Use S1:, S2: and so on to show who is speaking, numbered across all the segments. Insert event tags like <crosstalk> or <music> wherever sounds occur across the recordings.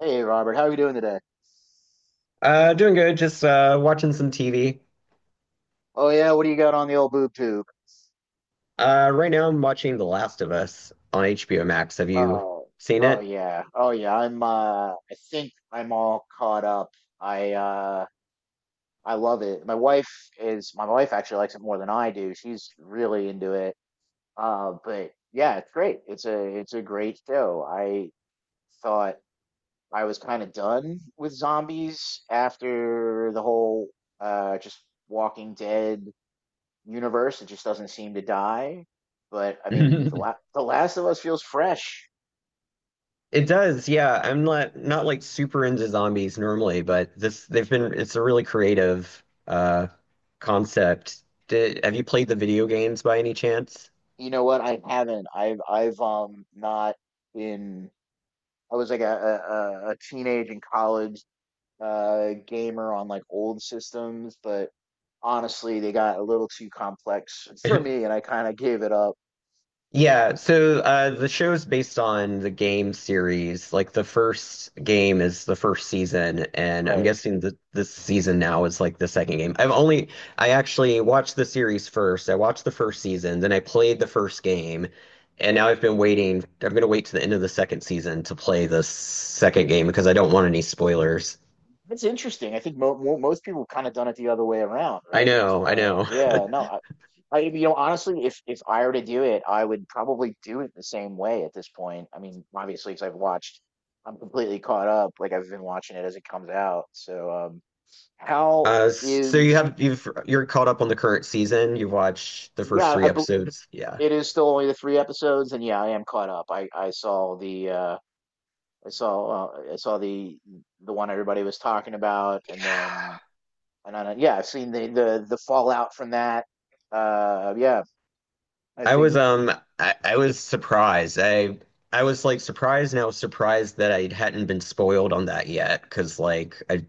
S1: Hey, Robert, how are you doing today?
S2: Doing good. Just watching some TV.
S1: Oh yeah, what do you got on the old boob tube?
S2: Right now I'm watching The Last of Us on HBO Max. Have you
S1: Oh,
S2: seen
S1: oh
S2: it?
S1: yeah, oh yeah. I'm I think I'm all caught up. I uh, I love it. My wife actually likes it more than I do. She's really into it. But yeah, it's great. It's a great show. I thought I was kind of done with zombies after the whole just Walking Dead universe. It just doesn't seem to die. But I mean,
S2: <laughs>
S1: the Last of Us feels fresh.
S2: It does, yeah. I'm not like super into zombies normally, but this they've been it's a really creative concept. Have you played the video games by any chance?
S1: You know what? I haven't. I've not been. I was like a teenage and college gamer on like old systems, but honestly, they got a little too complex for
S2: <laughs>
S1: me, and I kind of gave it up.
S2: Yeah, so the show is based on the game series. Like the first game is the first season, and I'm
S1: Right.
S2: guessing that this season now is like the second game. I actually watched the series first. I watched the first season, then I played the first game, and now I've been waiting. I'm gonna wait to the end of the second season to play the second game because I don't want any spoilers.
S1: That's interesting. I think mo mo most people kind of done it the other way around,
S2: I
S1: right? At this
S2: know, I
S1: point,
S2: know. <laughs>
S1: yeah. No. You know, honestly, if I were to do it, I would probably do it the same way at this point. I mean, obviously, because I've watched, I'm completely caught up. Like I've been watching it as it comes out. So, how
S2: So you
S1: is?
S2: have you've you're caught up on the current season. You've watched the first
S1: Yeah, I
S2: three
S1: bel
S2: episodes. Yeah.
S1: it is still only the three episodes, and yeah, I am caught up. I saw the one everybody was talking about, and then. Yeah, I've seen the fallout from that. Yeah, I
S2: I
S1: think
S2: was um I was surprised. I was like surprised, and I was surprised that I hadn't been spoiled on that yet, because like I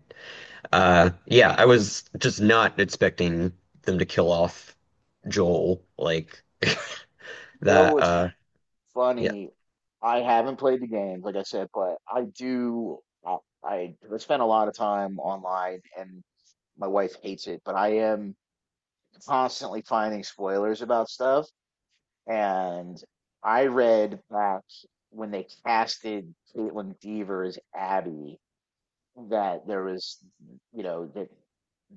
S2: yeah, I was just not expecting them to kill off Joel like <laughs>
S1: no,
S2: that
S1: what's
S2: yeah,
S1: funny. I haven't played the games, like I said, but I do. I spend a lot of time online, and my wife hates it. But I am constantly finding spoilers about stuff, and I read back when they casted Caitlin Dever as Abby that there is, you know,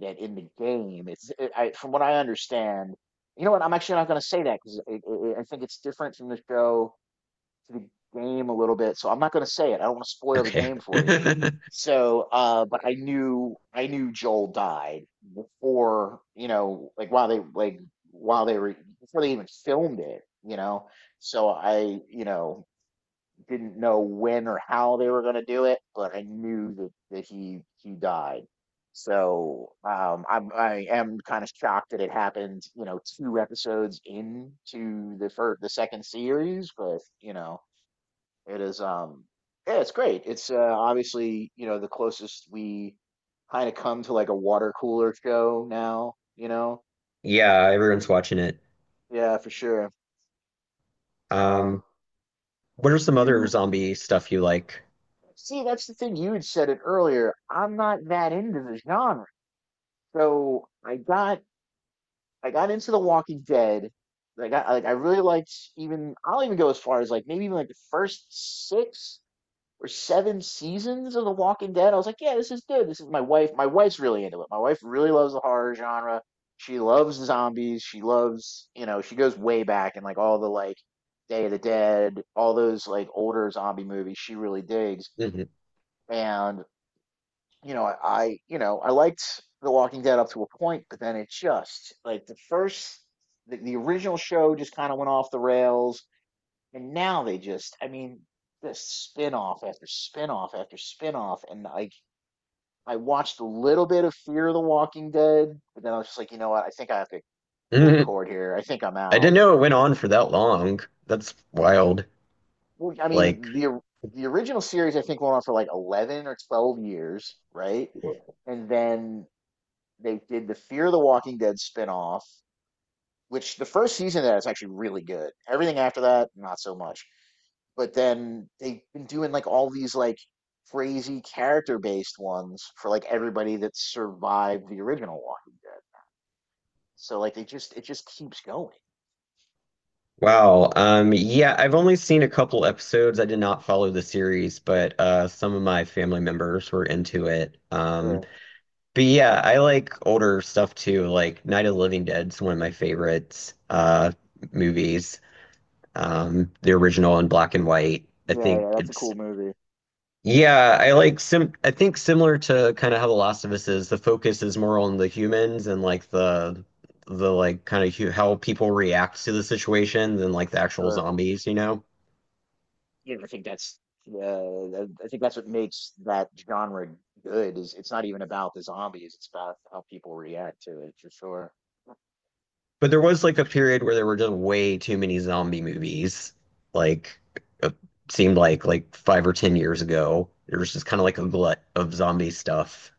S1: that in the game, from what I understand. You know what? I'm actually not going to say that because I think it's different from the show to the game a little bit. So I'm not going to say it. I don't want to spoil the
S2: okay.
S1: game for you.
S2: <laughs>
S1: So, But I knew Joel died before, you know, like while they were before they even filmed it, you know. So you know, didn't know when or how they were going to do it, but I knew that he died. So I am kind of shocked that it happened, you know, two episodes into the second series, but you know, it is, yeah, it's great. It's Obviously, you know, the closest we kind of come to like a water cooler show now, you know.
S2: Yeah, everyone's watching it.
S1: Yeah, for sure. Uh,
S2: Um what are some other
S1: you
S2: zombie stuff you like?
S1: see, that's the thing. You had said it earlier. I'm not that into the genre. So I got into The Walking Dead. Like, I really liked, even I'll even go as far as like maybe even like the first six or seven seasons of The Walking Dead. I was like, yeah, this is good. This is my wife. My wife's really into it. My wife really loves the horror genre. She loves zombies. She loves, you know, she goes way back and like all the like Day of the Dead, all those like older zombie movies she really digs.
S2: Mhm.
S1: And you know, you know, I liked The Walking Dead up to a point, but then it just like the original show just kind of went off the rails, and now they just, I mean, just spin-off after spin-off after spin-off, and I watched a little bit of Fear the Walking Dead, but then I was just like, you know what, I think I have to pull the
S2: Mhm.
S1: cord here. I think I'm
S2: <laughs> I
S1: out.
S2: didn't know it went on for that long. That's wild.
S1: Well, I
S2: Like
S1: mean, the original series I think went on for like 11 or 12 years, right? And then they did the Fear the Walking Dead spin-off, which the first season of that is actually really good. Everything after that, not so much. But then they've been doing like all these like crazy character based ones for like everybody that survived the original Walking Dead. So like they just it just keeps going.
S2: wow. Yeah, I've only seen a couple episodes. I did not follow the series, but some of my family members were into it.
S1: Sure.
S2: But yeah, I like older stuff too. Like Night of the Living Dead's one of my favorites movies. The original in black and white. I
S1: Yeah,
S2: think
S1: yeah, that's a
S2: it's
S1: cool movie.
S2: Yeah. I like sim. I think similar to kind of how The Last of Us is. The focus is more on the humans, and like the like kind of hu how people react to the situation than like the actual
S1: Sure.
S2: zombies, you know?
S1: Yeah, I think that's yeah, I think that's what makes that genre good is it's not even about the zombies, it's about how people react to it for sure.
S2: But there was like a period where there were just way too many zombie movies. Like it seemed like 5 or 10 years ago, there was just kind of like a glut of zombie stuff.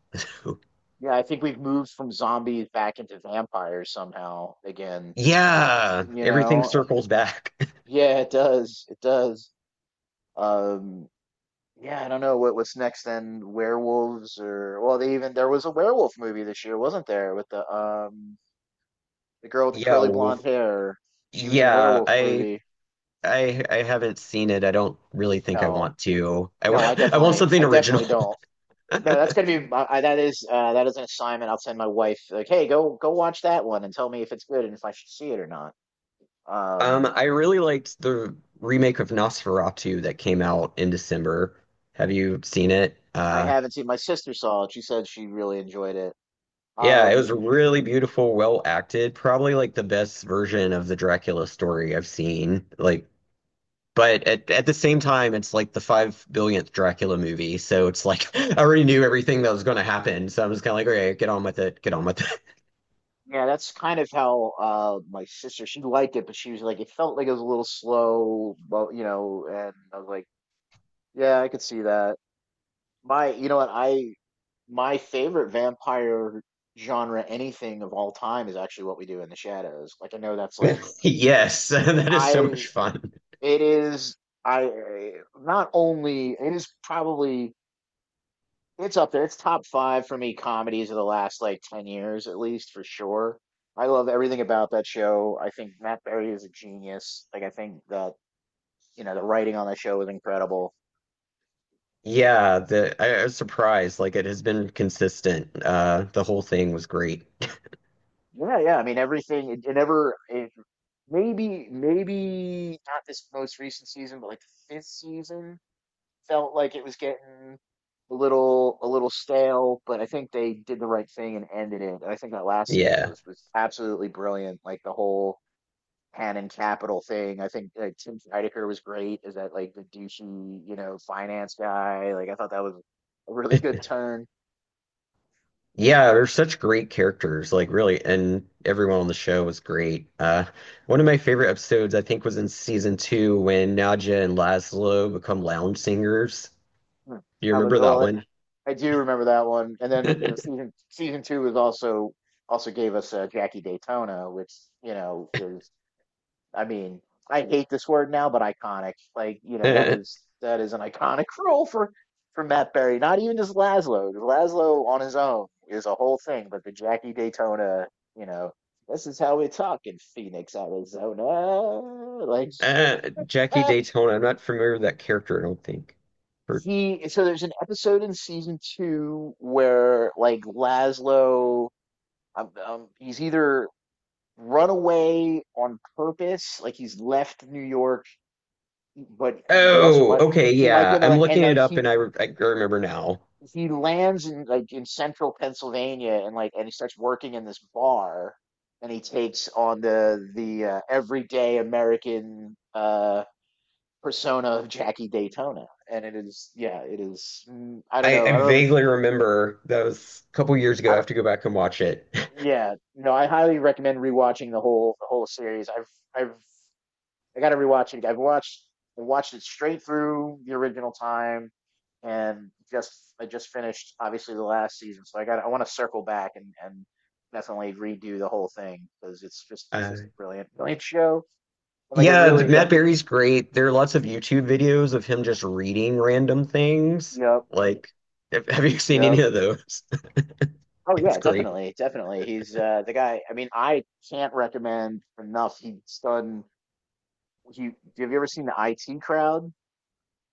S1: Yeah, I think we've moved from zombies back into vampires somehow again.
S2: Yeah,
S1: You
S2: everything
S1: know?
S2: circles back. <laughs>
S1: Yeah, it does. It does. Um, yeah, I don't know what what's next then. Werewolves or well, they even there was a werewolf movie this year, wasn't there? With the girl with the
S2: Yeah,
S1: curly
S2: Wolf.
S1: blonde hair. She was in a
S2: Yeah,
S1: werewolf
S2: I
S1: movie.
S2: I I haven't seen it. I don't really think I
S1: No.
S2: want to. I
S1: No,
S2: want <laughs> I want
S1: I
S2: something original.
S1: definitely don't. No,
S2: <laughs>
S1: that's gonna be that is an assignment. I'll send my wife like, "Hey, go watch that one and tell me if it's good and if I should see it or not." Um,
S2: I really liked the remake of Nosferatu that came out in December. Have you seen it?
S1: I haven't seen. My sister saw it. She said she really enjoyed it.
S2: Yeah, it was
S1: Um,
S2: really beautiful, well acted. Probably like the best version of the Dracula story I've seen. Like, but at the same time, it's like the five billionth Dracula movie, so it's like <laughs> I already knew everything that was going to happen. So I'm just kind of like, okay, get on with it, get on with it.
S1: yeah, that's kind of how my sister, she liked it, but she was like it felt like it was a little slow, well, you know, and I was like, yeah, I could see that. My, you know what, I My favorite vampire genre anything of all time is actually what we do in the shadows. Like I know that's like
S2: <laughs> Yes, <laughs> that is so much
S1: I
S2: fun.
S1: it is I eh, not only it is probably, it's up there. It's top five for me comedies of the last like 10 years, at least for sure. I love everything about that show. I think Matt Berry is a genius. Like, I think that, you know, the writing on that show is incredible.
S2: Yeah, I was surprised. Like, it has been consistent. The whole thing was great. <laughs>
S1: Yeah, yeah. I mean, everything, it never, it, maybe, maybe not this most recent season, but like the fifth season felt like it was getting a little stale, but I think they did the right thing and ended it. And I think that last season
S2: Yeah.
S1: was absolutely brilliant. Like, the whole Canon Capital thing. I think like Tim Heidecker was great as that, like the douchey, you know, finance guy. Like I thought that was a really good turn.
S2: Yeah, they're such great characters, like really, and everyone on the show was great. One of my favorite episodes, I think, was in season two when Nadja and Laszlo become lounge singers.
S1: Hmm.
S2: Do you
S1: That was
S2: remember that
S1: well,
S2: one?
S1: I do remember that one. And then
S2: <laughs>
S1: season two was also gave us Jackie Daytona, which you know is I mean, I hate this word now, but iconic. Like, you know,
S2: Uh,
S1: that is an iconic <laughs> role for Matt Berry. Not even just Laszlo. Laszlo on his own is a whole thing, but the Jackie Daytona, you know, this is how we talk in Phoenix, Arizona. Like
S2: Jackie
S1: <laughs>
S2: Daytona. I'm not familiar with that character, I don't think. Or-
S1: he so there's an episode in season two where like Laszlo he's either run away on purpose, like he's left New York but he also
S2: oh,
S1: might
S2: okay,
S1: he might be
S2: yeah.
S1: on the
S2: I'm
S1: right and
S2: looking
S1: like
S2: it up, and I remember now.
S1: he lands in like in central Pennsylvania and like and he starts working in this bar and he takes on the everyday American persona of Jackie Daytona and it is yeah it is I don't
S2: I
S1: know, I don't know if it's,
S2: vaguely remember that was a couple years ago.
S1: I
S2: I have
S1: don't,
S2: to go back and watch it. <laughs>
S1: yeah no, I highly recommend rewatching the whole series. I've I got to rewatch it. I watched it straight through the original time, and just I just finished obviously the last season, so I want to circle back and definitely redo the whole thing because it's just a
S2: Uh,
S1: brilliant brilliant show and like it
S2: Yeah,
S1: really does.
S2: Matt Berry's great. There are lots of YouTube videos of him just reading random things.
S1: Yep,
S2: Like, have you <laughs> seen any
S1: yep.
S2: of those? <laughs>
S1: Oh
S2: It's
S1: yeah,
S2: great.
S1: definitely, definitely. He's the guy. I mean, I can't recommend enough. He's done. He Have you ever seen the IT Crowd?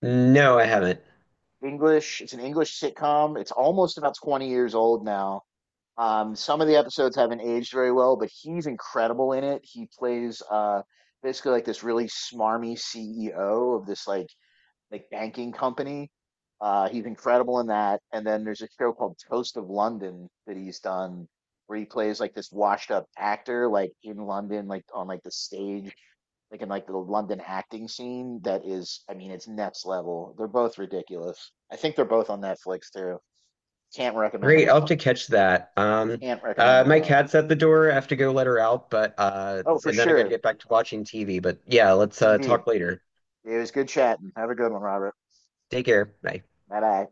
S2: No, I haven't.
S1: English. It's an English sitcom. It's almost about 20 years old now. Some of the episodes haven't aged very well, but he's incredible in it. He plays basically like this really smarmy CEO of this like banking company. He's incredible in that. And then there's a show called Toast of London that he's done where he plays like this washed up actor like in London, like on like the stage, like in like the London acting scene that is, I mean, it's next level. They're both ridiculous. I think they're both on Netflix too. Can't recommend them
S2: Great. I'll have
S1: enough.
S2: to catch that.
S1: Can't recommend them
S2: My
S1: enough.
S2: cat's at the door. I have to go let her out, but
S1: Oh, for
S2: and then I got to
S1: sure.
S2: get back to watching TV. But yeah, let's
S1: Indeed.
S2: talk later.
S1: It was good chatting. Have a good one, Robert.
S2: Take care. Bye.
S1: Bye bye.